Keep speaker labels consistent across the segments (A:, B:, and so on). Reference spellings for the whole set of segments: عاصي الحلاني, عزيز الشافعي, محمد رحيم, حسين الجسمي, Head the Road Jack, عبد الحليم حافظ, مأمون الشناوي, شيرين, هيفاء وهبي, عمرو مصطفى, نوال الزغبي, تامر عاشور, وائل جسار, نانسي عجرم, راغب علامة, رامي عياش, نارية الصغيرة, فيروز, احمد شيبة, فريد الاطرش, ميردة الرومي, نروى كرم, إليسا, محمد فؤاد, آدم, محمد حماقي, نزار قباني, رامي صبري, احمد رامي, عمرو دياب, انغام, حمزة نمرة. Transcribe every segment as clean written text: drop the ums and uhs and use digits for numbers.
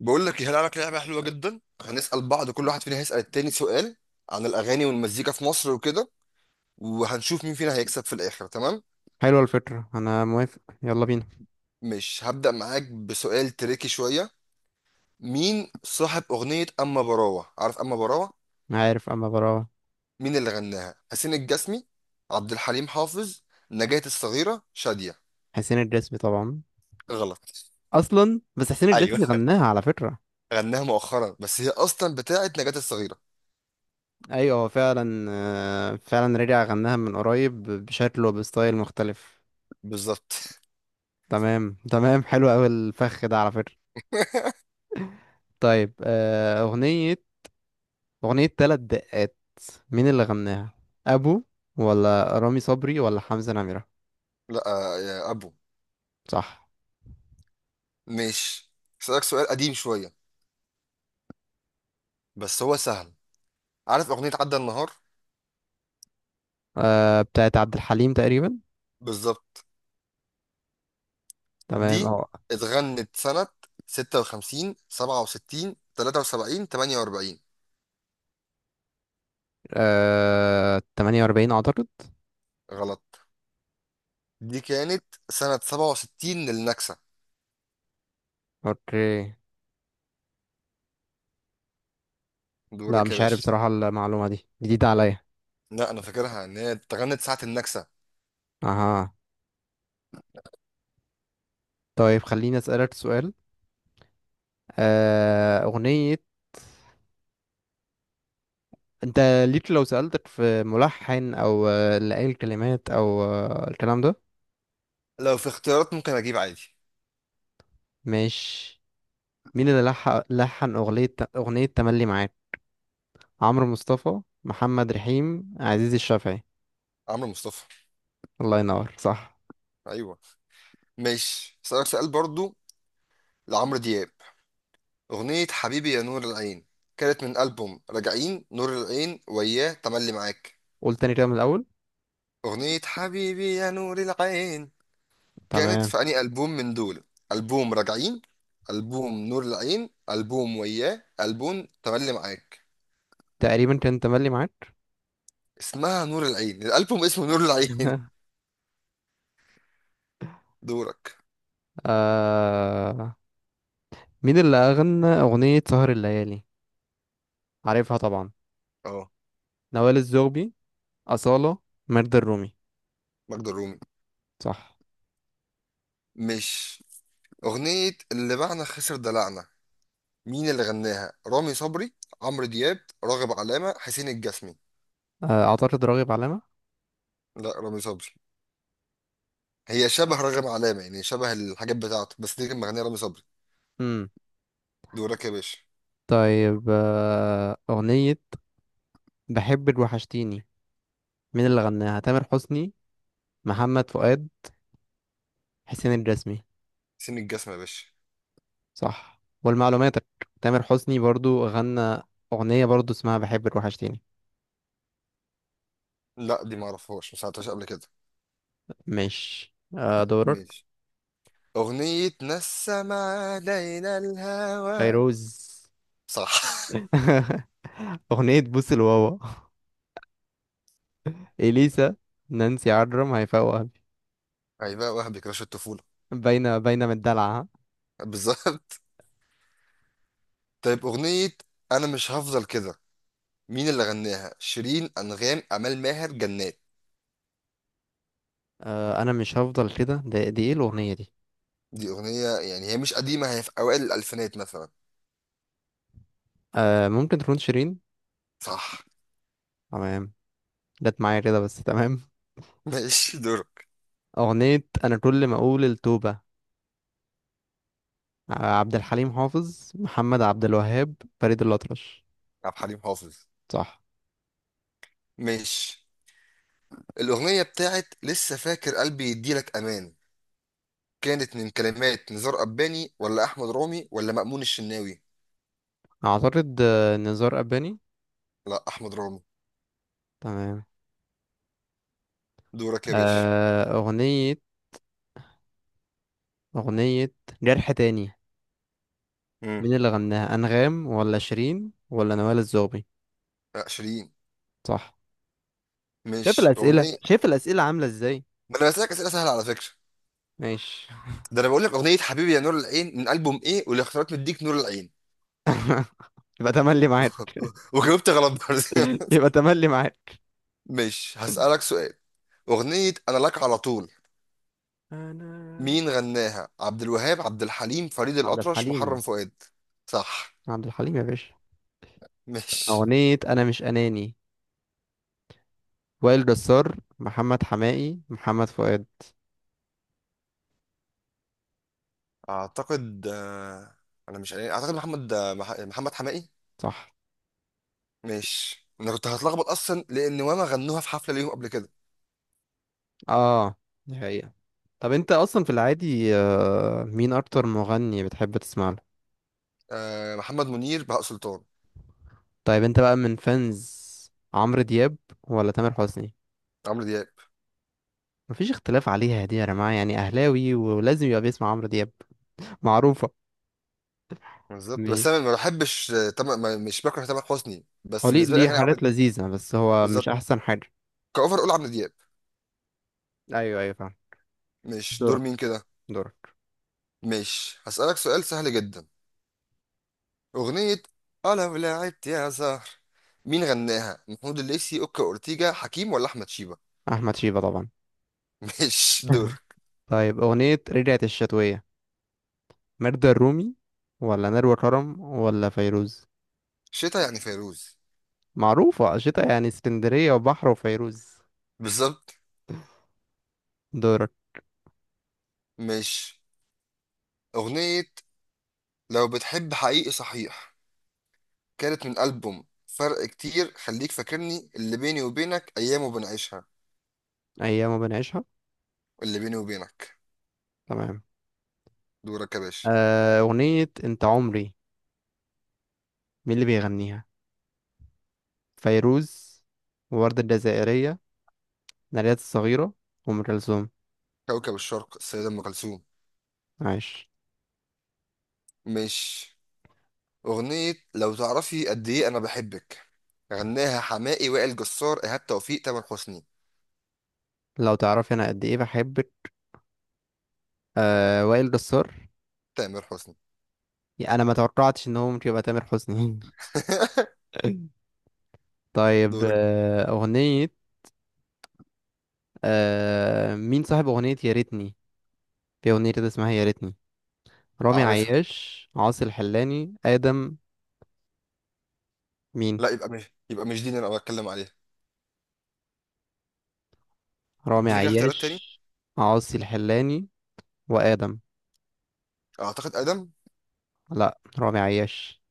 A: بقول لك إيه، هلعب لك لعبه حلوه جدا. هنسال بعض، كل واحد فينا هيسال التاني سؤال عن الاغاني والمزيكا في مصر وكده، وهنشوف مين فينا هيكسب في الاخر. تمام.
B: حلوة الفكرة، أنا موافق، يلا بينا.
A: مش هبدا معاك بسؤال تريكي شويه. مين صاحب اغنيه اما براوه؟ عارف اما براوه؟
B: أنا عارف أما براوة.
A: مين اللي غناها؟ حسين الجسمي، عبد الحليم حافظ، نجاة الصغيره، شاديه؟
B: حسين الجسمي طبعا.
A: غلط.
B: أصلا بس حسين
A: ايوه.
B: الجسمي غناها على فكرة.
A: غناها مؤخرا، بس هي اصلا بتاعت نجاة الصغيره.
B: أيوة، هو فعلا رجع غناها من قريب بشكل وبستايل مختلف.
A: بالظبط.
B: تمام تمام، حلو أوي الفخ ده على فكرة. طيب، أغنية تلات دقات. مين اللي غناها؟ أبو، ولا رامي صبري، ولا حمزة نمرة؟
A: لا، يا ابو.
B: صح.
A: مش هسألك سؤال قديم شويه بس هو سهل. عارف اغنية عدى النهار؟
B: أه، بتاعت عبد الحليم تقريبا.
A: بالظبط.
B: تمام،
A: دي
B: اه.
A: اتغنت سنة 56، 67، 73، 48؟
B: 48 أعتقد.
A: غلط. دي كانت سنة 67 للنكسة.
B: اوكي. لا،
A: دورك يا
B: مش عارف
A: باشا.
B: صراحة، المعلومة دي جديدة عليا.
A: لا، انا فاكرها ان هي اتغنت ساعة النكسة.
B: اها. طيب، خليني اسألك سؤال. آه، أغنية انت ليك، لو سألتك في ملحن، او اللي قايل الكلمات، او الكلام ده.
A: لو في اختيارات ممكن اجيب عادي.
B: مش مين اللي لحن أغنية تملي معاك؟ عمرو مصطفى، محمد رحيم، عزيز الشافعي؟
A: عمرو مصطفى.
B: الله ينور، صح.
A: ايوه. ماشي، اسالك سؤال برضو. لعمرو دياب اغنية حبيبي يا نور العين، كانت من ألبوم راجعين، نور العين، وياه، تملي معاك؟
B: قول تاني كده من الأول.
A: أغنية حبيبي يا نور العين كانت
B: تمام.
A: في أنهي ألبوم من دول؟ ألبوم راجعين، ألبوم نور العين، ألبوم وياه، ألبوم تملي معاك؟
B: تقريبا كان تملي معاك.
A: اسمها نور العين، الألبوم اسمه نور العين. دورك.
B: آه... مين اللي أغنى أغنية سهر الليالي؟ عارفها طبعا.
A: اه.
B: نوال الزغبي، أصالة، ميرد الرومي؟
A: مجد الرومي.
B: صح.
A: مش أغنية اللي باعنا خسر دلعنا، مين اللي غناها؟ رامي صبري، عمرو دياب، راغب علامة، حسين الجسمي؟
B: أعتقد راغب علامة.
A: لا، رامي صبري. هي شبه راغب علامة، يعني شبه الحاجات بتاعته، بس دي كان مغنيها رامي صبري.
B: امم.
A: دورك يا باشا.
B: طيب، أغنية بحبك وحشتيني. مين اللي غناها؟ تامر حسني، محمد فؤاد، حسين الجسمي؟
A: حسين الجسمي يا باشا.
B: صح، ولمعلوماتك تامر حسني برضو غنى أغنية برضو اسمها بحبك وحشتيني.
A: لا، دي ما اعرفهاش، ما سمعتهاش قبل كده.
B: ماشي. دورك.
A: ماشي. اغنية نسم علينا الهوى.
B: فيروز.
A: صح.
B: أغنية بوس الواوا. إليسا، نانسي عجرم، هيفاء وهبي؟
A: ايوه وهبي كراش الطفولة.
B: باينة باينة من الدلع.
A: بالظبط. طيب اغنية انا مش هفضل كده، مين اللي غناها؟ شيرين، انغام، امال ماهر، جنات؟
B: انا مش هفضل كده، ده دي ايه الاغنيه دي؟
A: دي اغنية يعني هي مش قديمة، هي في اوائل الالفينات مثلا.
B: ممكن تكون شيرين.
A: صح.
B: تمام، جت معايا كده بس. تمام.
A: ماشي، دورك.
B: اغنيه انا كل ما اقول التوبه. عبد الحليم حافظ، محمد عبد الوهاب، فريد الاطرش؟
A: عبد الحليم حافظ.
B: صح.
A: ماشي. الاغنية بتاعت لسه فاكر قلبي يديلك امان كانت من كلمات نزار قباني ولا احمد رامي ولا مأمون الشناوي؟
B: اعتقد نزار قباني.
A: لا، احمد رامي.
B: تمام.
A: دورك يا باشا.
B: آه اغنيه اغنيه جرح تاني.
A: امم.
B: مين اللي غناها؟ انغام، ولا شيرين، ولا نوال الزغبي؟
A: لا، شيرين.
B: صح. شايف
A: مش
B: الاسئله
A: اغنيه.
B: شايف الاسئله عامله ازاي؟
A: ما انا بسالك اسئله سهله على فكره.
B: ماشي.
A: ده انا بقول لك اغنيه حبيبي يا نور العين من البوم ايه، والاختيارات مديك نور العين.
B: يبقى تملي معاك.
A: وجاوبت غلط برضه.
B: يبقى تملي معاك.
A: مش هسالك سؤال. اغنيه انا لك على طول،
B: أنا.
A: مين غناها؟ عبد الوهاب، عبد الحليم، فريد
B: عبد
A: الاطرش، محرم
B: الحليم.
A: فؤاد؟ صح.
B: عبد الحليم يا باشا.
A: مش
B: أغنية أنا مش أناني. وائل جسار، محمد حماقي، محمد فؤاد؟
A: اعتقد انا مش عارف. اعتقد محمد محمد حماقي.
B: صح.
A: مش انا كنت هتلخبط اصلا لان واما غنوها في حفله ليهم قبل كده.
B: اه، دي حقيقة. طب انت اصلا في العادي، مين اكتر مغني بتحب تسمع له؟
A: محمد منير، بهاء سلطان.
B: طيب انت بقى من فانز عمرو دياب ولا تامر حسني؟
A: عمرو دياب.
B: مفيش اختلاف عليها دي يا جماعة، يعني اهلاوي ولازم يبقى بيسمع عمرو دياب. معروفة.
A: بالظبط،
B: مي-
A: بس انا ما بحبش، آه، تم... ما- مش بكره تامر حسني،
B: هو
A: بس
B: ليه
A: بالنسبه لي
B: ليه
A: اغاني عمرو
B: حاجات
A: دياب.
B: لذيذة، بس هو مش
A: بالظبط.
B: احسن حاجة.
A: كاوفر اقول عمرو دياب.
B: ايوه، ايوه، فاهم.
A: مش دور
B: دورك.
A: مين كده.
B: دورك.
A: مش هسالك سؤال سهل جدا. اغنيه اه لو لعبت يا زهر، مين غناها؟ محمود الليثي، اوكا اورتيجا، حكيم ولا احمد شيبه؟
B: احمد شيبة طبعا.
A: مش دور.
B: طيب، أغنية رجعت الشتوية. ميردة الرومي، ولا نروى كرم، ولا فيروز؟
A: شتا يعني فيروز.
B: معروفة، شتا يعني اسكندرية وبحر وفيروز.
A: بالظبط.
B: دورك.
A: مش اغنيه لو بتحب حقيقي صحيح، كانت من ألبوم فرق كتير، خليك فاكرني، اللي بيني وبينك، أيام بنعيشها؟
B: أيام ما بنعيشها.
A: اللي بيني وبينك.
B: تمام.
A: دورك يا باشا.
B: أغنية أنت عمري. مين اللي بيغنيها؟ فيروز، ووردة الجزائرية، نارية الصغيرة، وأم كلثوم؟
A: كوكب الشرق السيدة أم كلثوم.
B: عايش.
A: مش أغنية لو تعرفي قد إيه أنا بحبك، غناها حماقي، وائل جسار، إيهاب توفيق، تامر حسني؟
B: لو تعرفي أنا قد إيه بحبك. وائل جسار.
A: تامر حسني.
B: يعني أنا ما توقعتش إن هو ممكن يبقى تامر حسني. طيب،
A: دورك.
B: أغنية. مين صاحب أغنية يا ريتني؟ في أغنية كده اسمها يا ريتني. رامي
A: أعرفها.
B: عياش، عاصي الحلاني، آدم؟ مين؟
A: لا، يبقى مش دي اللي أنا بتكلم عليها.
B: رامي
A: اديني كده اختيارات تاني.
B: عياش. عاصي الحلاني، وآدم.
A: أعتقد أدم.
B: لا، رامي عياش.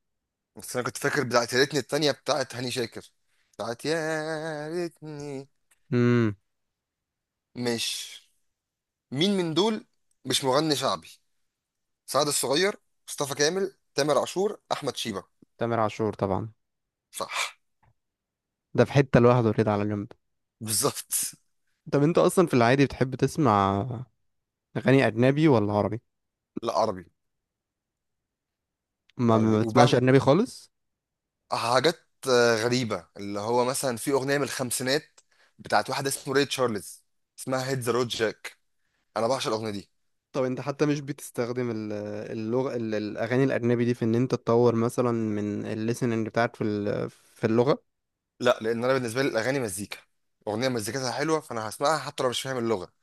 A: بس أنا كنت فاكر بتاعت يا ريتني التانية بتاعت هاني شاكر، بتاعت يا ريتني.
B: امم.
A: مش مين من دول، مش مغني شعبي؟ سعد الصغير، مصطفى كامل، تامر عاشور، احمد شيبة؟
B: تامر عاشور طبعا.
A: صح.
B: ده في حتة لوحده كده على جنب.
A: بالظبط.
B: طب انت اصلا في العادي بتحب تسمع اغاني اجنبي ولا عربي؟
A: لا، عربي.
B: ما
A: عربي
B: ما بتسمعش
A: وبهم
B: اجنبي خالص.
A: حاجات غريبة، اللي هو مثلا في أغنية من الخمسينات بتاعت واحد اسمه ري تشارلز، اسمها هيد ذا رود جاك. أنا بعشق الأغنية دي.
B: طب انت حتى مش بتستخدم الاغاني الاجنبي دي في ان انت تطور مثلا من الليسننج بتاعك في اللغة.
A: لا، لأن أنا بالنسبة لي الأغاني مزيكا. أغنية مزيكتها حلوة فأنا هسمعها حتى لو مش فاهم اللغة.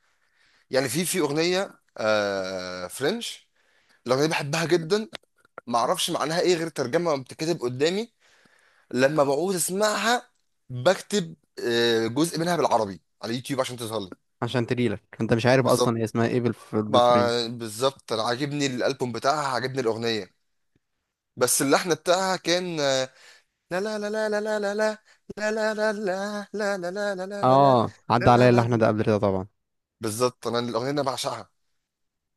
A: يعني في أغنية آه فرنش، الأغنية دي بحبها جدا. معرفش معناها إيه غير ترجمة بتتكتب قدامي. لما بعوز اسمعها بكتب جزء منها بالعربي على يوتيوب عشان تظهر لي.
B: عشان تجيلك، انت مش عارف اصلا هي
A: بالظبط.
B: اسمها ايه بالفرنش.
A: بالظبط، انا عاجبني الالبوم بتاعها، عاجبني الاغنيه، بس اللحن بتاعها كان لا لا لا لا لا لا لا، لا لا لا لا، لا لا لا لا لا لا لا لا.
B: اه، عدى
A: لا لا
B: عليا
A: لا
B: اللحن ده
A: لا
B: قبل كده طبعا.
A: بالظبط، انا الاغنيه انا بعشقها.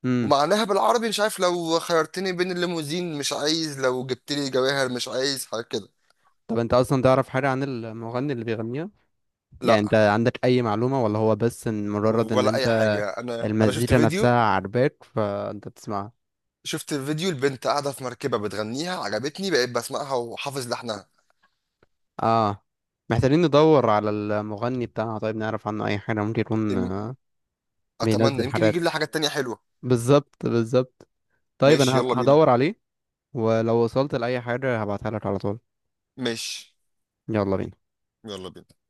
B: امم.
A: ومعناها بالعربي مش عارف، لو خيرتني بين الليموزين مش عايز، لو جبت لي جواهر مش عايز حاجه كده.
B: طب انت اصلا تعرف حاجه عن المغني اللي بيغنيها؟
A: لا،
B: يعني انت عندك اي معلومه، ولا هو بس ان مجرد ان
A: ولا اي
B: انت.
A: حاجه. انا شفت
B: المزيكا
A: فيديو،
B: نفسها عاجباك فانت بتسمعها.
A: شفت فيديو البنت قاعدة في مركبة بتغنيها، عجبتني بقيت بسمعها وحافظ لحنها.
B: اه. محتاجين ندور على المغني بتاعها، طيب نعرف عنه اي حاجه. ممكن يكون
A: أم- أتمنى
B: بينزل
A: يمكن
B: حاجات.
A: يجيب لي حاجات تانية حلوة.
B: بالظبط، بالظبط. طيب،
A: ماشي
B: انا
A: يلا بينا.
B: هدور عليه. ولو وصلت لاي حاجه هبعتها لك على طول.
A: ماشي.
B: يلا بينا.
A: يلا بينا.